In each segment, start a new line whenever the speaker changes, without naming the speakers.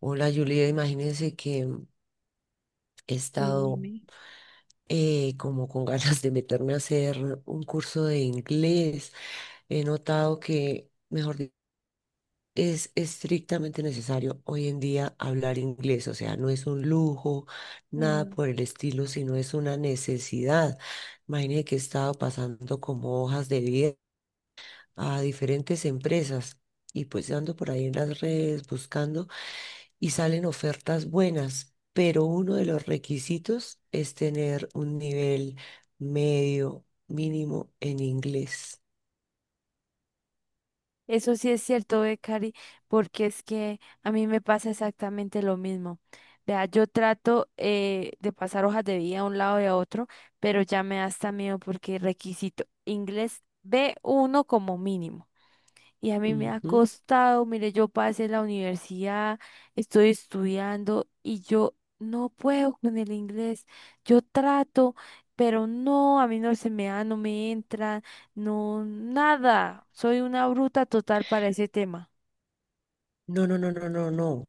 Hola Julia, imagínense que he
Sí,
estado
dime.
como con ganas de meterme a hacer un curso de inglés. He notado que, mejor dicho, es estrictamente necesario hoy en día hablar inglés, o sea, no es un lujo, nada
Mm.
por el estilo, sino es una necesidad. Imagínense que he estado pasando como hojas de vida a diferentes empresas y pues ando por ahí en las redes buscando. Y salen ofertas buenas, pero uno de los requisitos es tener un nivel medio mínimo en inglés.
Eso sí es cierto, ve, Cari, porque es que a mí me pasa exactamente lo mismo. Vea, yo trato de pasar hojas de vida a un lado y a otro, pero ya me da hasta miedo porque requisito inglés B1 como mínimo. Y a mí me ha
Ujú.
costado, mire, yo pasé la universidad, estoy estudiando y yo no puedo con el inglés. Yo trato, pero no, a mí no se me da, no me entra, no, nada. Soy una bruta total para ese tema.
No, no, no, no, no, no,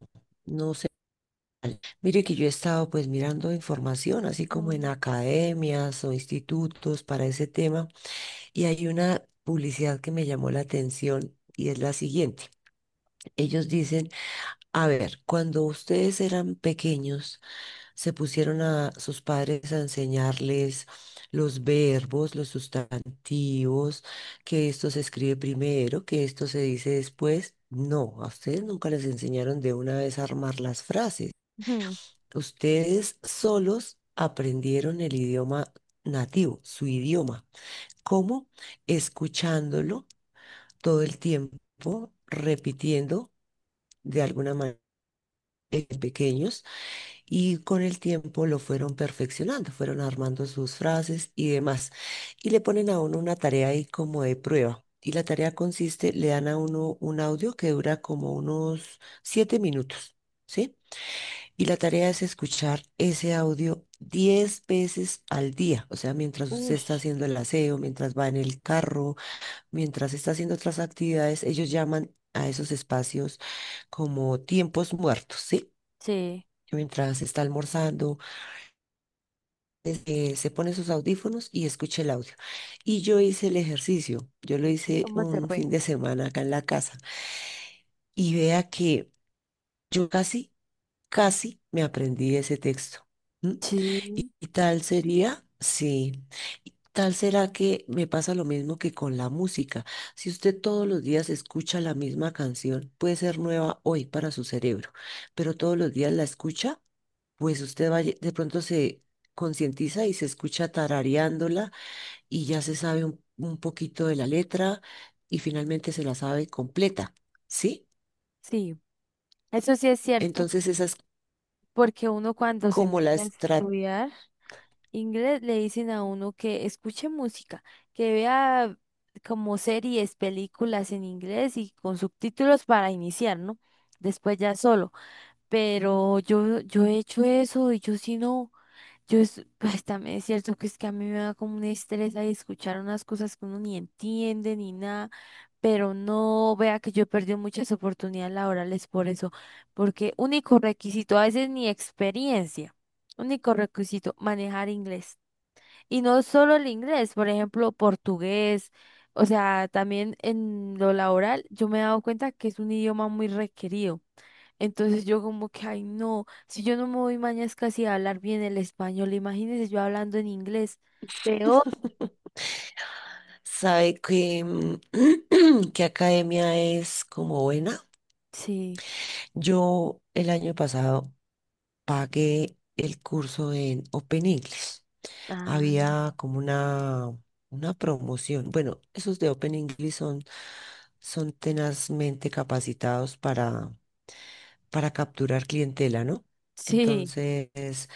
no sé. Mire que yo he estado pues mirando información, así como en
Mm.
academias o institutos para ese tema, y hay una publicidad que me llamó la atención y es la siguiente. Ellos dicen, a ver, cuando ustedes eran pequeños, se pusieron a sus padres a enseñarles los verbos, los sustantivos, que esto se escribe primero, que esto se dice después. No, a ustedes nunca les enseñaron de una vez a armar las frases.
Ujú.
Ustedes solos aprendieron el idioma nativo, su idioma. ¿Cómo? Escuchándolo todo el tiempo, repitiendo de alguna manera pequeños. Y con el tiempo lo fueron perfeccionando, fueron armando sus frases y demás. Y le ponen a uno una tarea ahí como de prueba. Y la tarea consiste, le dan a uno un audio que dura como unos 7 minutos, ¿sí? Y la tarea es escuchar ese audio 10 veces al día. O sea, mientras usted
Uy,
está haciendo el aseo, mientras va en el carro, mientras está haciendo otras actividades, ellos llaman a esos espacios como tiempos muertos, ¿sí?
sí,
Mientras está almorzando se pone sus audífonos y escucha el audio. Y yo hice el ejercicio, yo lo
¿y
hice
cómo te
un
fue?
fin de semana acá en la casa y vea que yo casi, casi me aprendí ese texto. ¿M? Y,
Sí,
y tal sería, sí, y tal será que me pasa lo mismo que con la música. Si usted todos los días escucha la misma canción, puede ser nueva hoy para su cerebro, pero todos los días la escucha, pues usted va, de pronto se concientiza y se escucha tarareándola y ya se sabe un poquito de la letra y finalmente se la sabe completa, ¿sí?
sí. Eso sí es cierto,
Entonces esa es
porque uno cuando se
como la
mete a
estrategia.
estudiar inglés le dicen a uno que escuche música, que vea como series, películas en inglés y con subtítulos para iniciar, ¿no? Después ya solo. Pero yo he hecho eso y yo sí no, yo es, pues también es cierto que es que a mí me da como un estrés ahí escuchar unas cosas que uno ni entiende ni nada. Pero no vea que yo he perdido muchas oportunidades laborales por eso, porque único requisito, a veces ni experiencia, único requisito, manejar inglés. Y no solo el inglés, por ejemplo, portugués, o sea, también en lo laboral, yo me he dado cuenta que es un idioma muy requerido. Entonces yo como que, ay, no, si yo no me voy mañana es casi a hablar bien el español, imagínense yo hablando en inglés. Peor.
Sabe que, que academia es como buena.
Sí.
Yo el año pasado pagué el curso en Open English.
Ah,
Había como una promoción. Bueno, esos de Open English son tenazmente capacitados para capturar clientela, ¿no?
sí,
Entonces,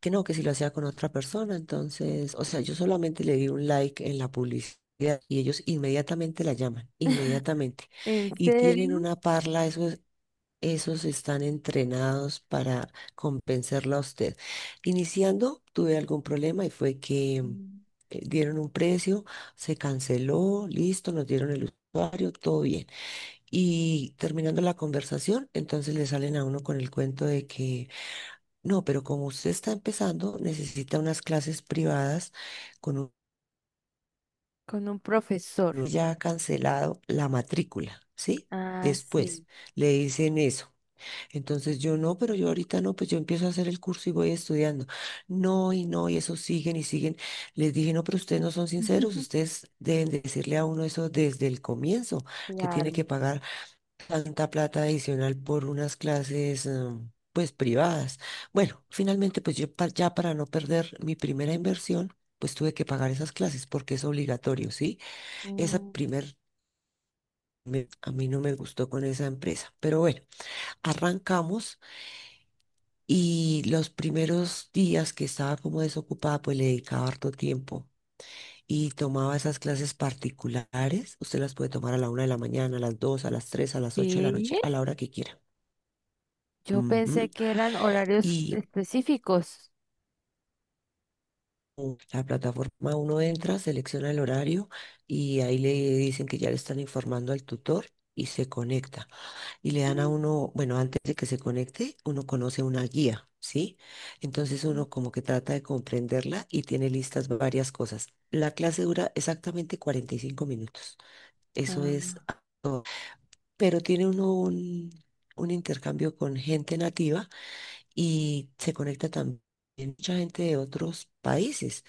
que no, que si lo hacía con otra persona, entonces, o sea, yo solamente le di un like en la publicidad y ellos inmediatamente la llaman, inmediatamente.
¿en
Y
serio?
tienen una parla, esos, esos están entrenados para compensarla a usted. Iniciando, tuve algún problema y fue que
Mm.
dieron un precio, se canceló, listo, nos dieron el usuario, todo bien. Y terminando la conversación, entonces le salen a uno con el cuento de que, no, pero como usted está empezando, necesita unas clases privadas con un
Con un profesor.
uno ya cancelado la matrícula, ¿sí?
Ah,
Después
sí.
le dicen eso. Entonces yo no, pero yo ahorita no, pues yo empiezo a hacer el curso y voy estudiando. No, y no, y eso siguen y siguen. Les dije, no, pero ustedes no son sinceros, ustedes deben decirle a uno eso desde el comienzo, que tiene que
Claro.
pagar tanta plata adicional por unas clases, pues privadas. Bueno, finalmente, pues yo ya para no perder mi primera inversión, pues tuve que pagar esas clases porque es obligatorio, ¿sí? Esa
Mm.
primer a mí no me gustó con esa empresa, pero bueno, arrancamos y los primeros días que estaba como desocupada, pues le dedicaba harto tiempo. Y tomaba esas clases particulares. Usted las puede tomar a la 1 de la mañana, a las 2, a las 3, a las 8 de la
Sí,
noche, a la hora que quiera.
yo
Ujú.
pensé que eran horarios
Y
específicos.
la plataforma uno entra, selecciona el horario y ahí le dicen que ya le están informando al tutor y se conecta. Y le dan a uno, bueno, antes de que se conecte, uno conoce una guía, ¿sí? Entonces uno como que trata de comprenderla y tiene listas varias cosas. La clase dura exactamente 45 minutos. Eso es,
Ah.
pero tiene uno un intercambio con gente nativa y se conecta también mucha gente de otros países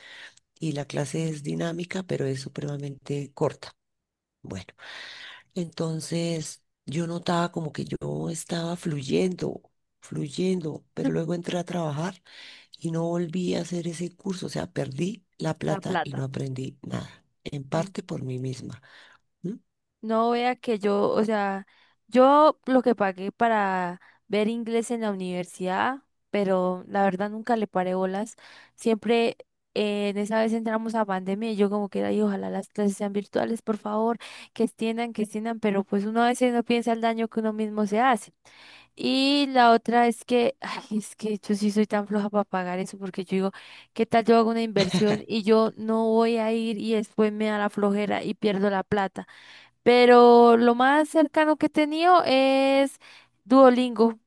y la clase es dinámica, pero es supremamente corta. Bueno, entonces yo notaba como que yo estaba fluyendo, fluyendo, pero luego entré a trabajar y no volví a hacer ese curso, o sea, perdí la
La
plata y no
plata.
aprendí nada, en
Mm.
parte por mí misma. ¿M?
No vea que yo, o sea, yo lo que pagué para ver inglés en la universidad, pero la verdad nunca le paré bolas. Siempre en esa vez entramos a pandemia y yo como que ay, ojalá las clases sean virtuales, por favor, que extiendan, pero pues uno a veces no piensa el daño que uno mismo se hace. Y la otra es que, ay, es que yo sí soy tan floja para pagar eso, porque yo digo, ¿qué tal yo hago una inversión y yo no voy a ir y después me da la flojera y pierdo la plata? Pero lo más cercano que he tenido es Duolingo.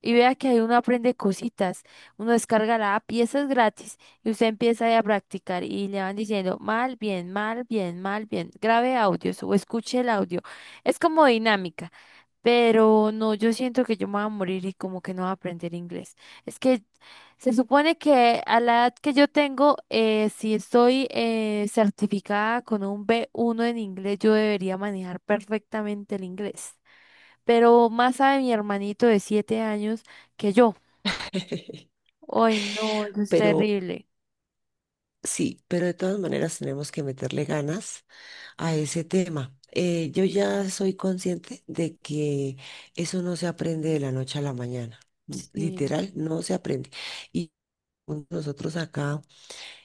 Y vea que ahí uno aprende cositas, uno descarga la app y esa es gratis y usted empieza ahí a practicar y le van diciendo mal, bien, mal, bien, mal, bien, grabe audios o escuche el audio. Es como dinámica, pero no, yo siento que yo me voy a morir y como que no voy a aprender inglés. Es que se supone que a la edad que yo tengo, si estoy certificada con un B1 en inglés, yo debería manejar perfectamente el inglés, pero más sabe mi hermanito de 7 años que yo. Ay, no, eso es
Pero
terrible.
sí, pero de todas maneras tenemos que meterle ganas a ese tema. Yo ya soy consciente de que eso no se aprende de la noche a la mañana.
Sí,
Literal, no se aprende. Y nosotros acá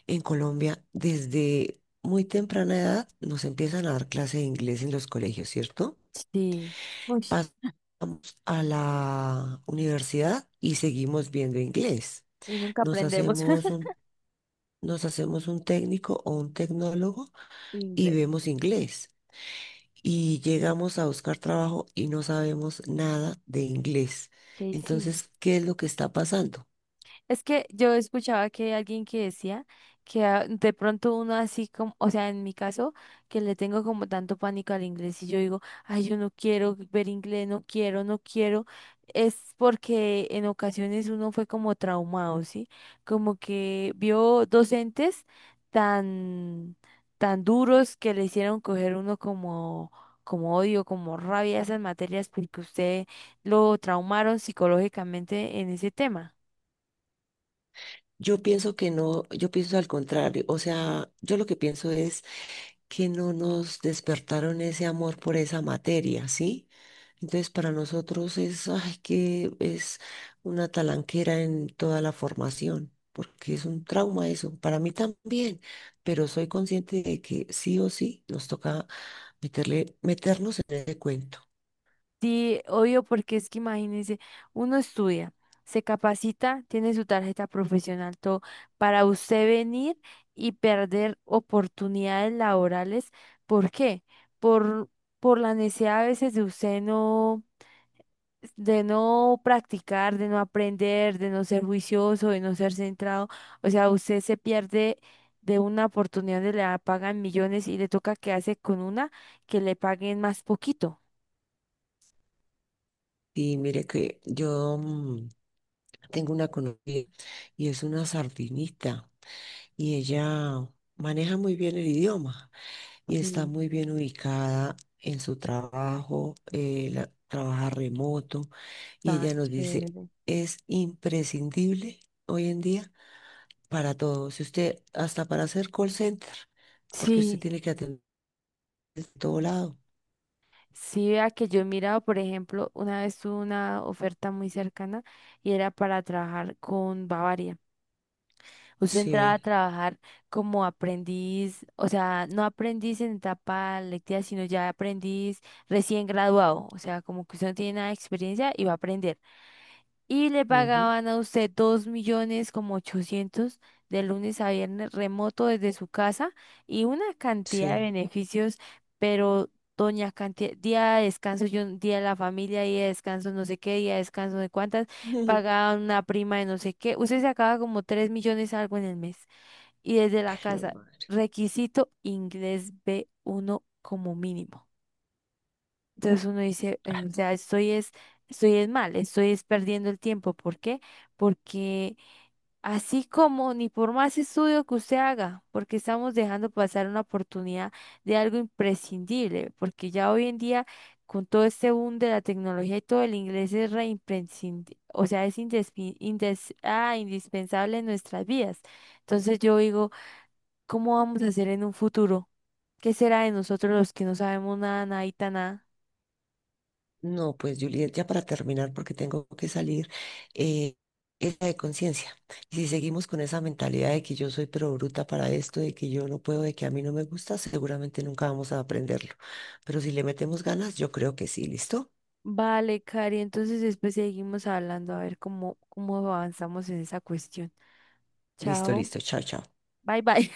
en Colombia, desde muy temprana edad, nos empiezan a dar clase de inglés en los colegios, ¿cierto?
sí. Uy,
Pasamos a la universidad y seguimos viendo inglés.
y nunca
Nos
aprendemos
hacemos un, nos hacemos un técnico o un tecnólogo y
inglés.
vemos inglés. Y llegamos a buscar trabajo y no sabemos nada de inglés.
¿Qué hicimos?
Entonces, ¿qué es lo que está pasando?
Es que yo escuchaba que hay alguien que decía que ah, de pronto uno así como, o sea, en mi caso, que le tengo como tanto pánico al inglés y yo digo, ay, yo no quiero ver inglés, no quiero, no quiero, es porque en ocasiones uno fue como traumado, ¿sí? Como que vio docentes tan, tan duros que le hicieron coger uno como... como odio, como rabia a esas materias porque usted lo traumaron psicológicamente en ese tema.
Yo pienso que no, yo pienso al contrario, o sea, yo lo que pienso es que no nos despertaron ese amor por esa materia, ¿sí? Entonces, para nosotros es, ay, que es una talanquera en toda la formación, porque es un trauma eso, para mí también, pero soy consciente de que sí o sí nos toca meterle, meternos en ese cuento.
Sí, obvio, porque es que imagínense, uno estudia, se capacita, tiene su tarjeta profesional, todo, para usted venir y perder oportunidades laborales. ¿Por qué? Por, por la necesidad a veces de usted no, de no practicar, de no aprender, de no ser juicioso, de no ser centrado. O sea, usted se pierde de una oportunidad donde le pagan millones y le toca quedarse con una que le paguen más poquito.
Y mire que yo tengo una conocida y es una sardinista y ella maneja muy bien el idioma y está
Sí,
muy bien ubicada en su trabajo, trabaja remoto y
tan
ella nos dice,
chévere.
es imprescindible hoy en día para todo, si usted hasta para hacer call center, porque usted
Sí,
tiene que atender de todo lado.
sí, vea que yo he mirado, por ejemplo, una vez tuve una oferta muy cercana y era para trabajar con Bavaria. Usted entraba a
Sí,
trabajar como aprendiz, o sea, no aprendiz en etapa lectiva, sino ya aprendiz recién graduado, o sea, como que usted no tiene nada de experiencia y va a aprender. Y le
ujú,
pagaban a usted 2 millones como ochocientos de lunes a viernes remoto desde su casa y una cantidad de
sí.
beneficios, pero doña cantidad, día de descanso, yo, día de la familia, día de descanso, no sé qué, día de descanso de cuántas, pagaban una prima de no sé qué, usted sacaba como 3 millones algo en el mes y desde la
Qué
casa,
mal.
requisito inglés b uno como mínimo. Entonces uno dice, o sea, estoy es mal, estoy es perdiendo el tiempo. ¿Por qué? Porque así como ni por más estudio que usted haga, porque estamos dejando pasar una oportunidad de algo imprescindible, porque ya hoy en día con todo este boom de la tecnología y todo el inglés es o sea, es indispensable en nuestras vidas. Entonces yo digo, ¿cómo vamos a hacer en un futuro? ¿Qué será de nosotros los que no sabemos nada, nada y tan nada?
No, pues Juliet, ya para terminar, porque tengo que salir, eh, es la de conciencia. Y si seguimos con esa mentalidad de que yo soy pero bruta para esto, de que yo no puedo, de que a mí no me gusta, seguramente nunca vamos a aprenderlo. Pero si le metemos ganas, yo creo que sí, ¿listo?
Vale, Cari, entonces después seguimos hablando a ver cómo avanzamos en esa cuestión.
Listo,
Chao,
listo, chao, chao.
bye bye.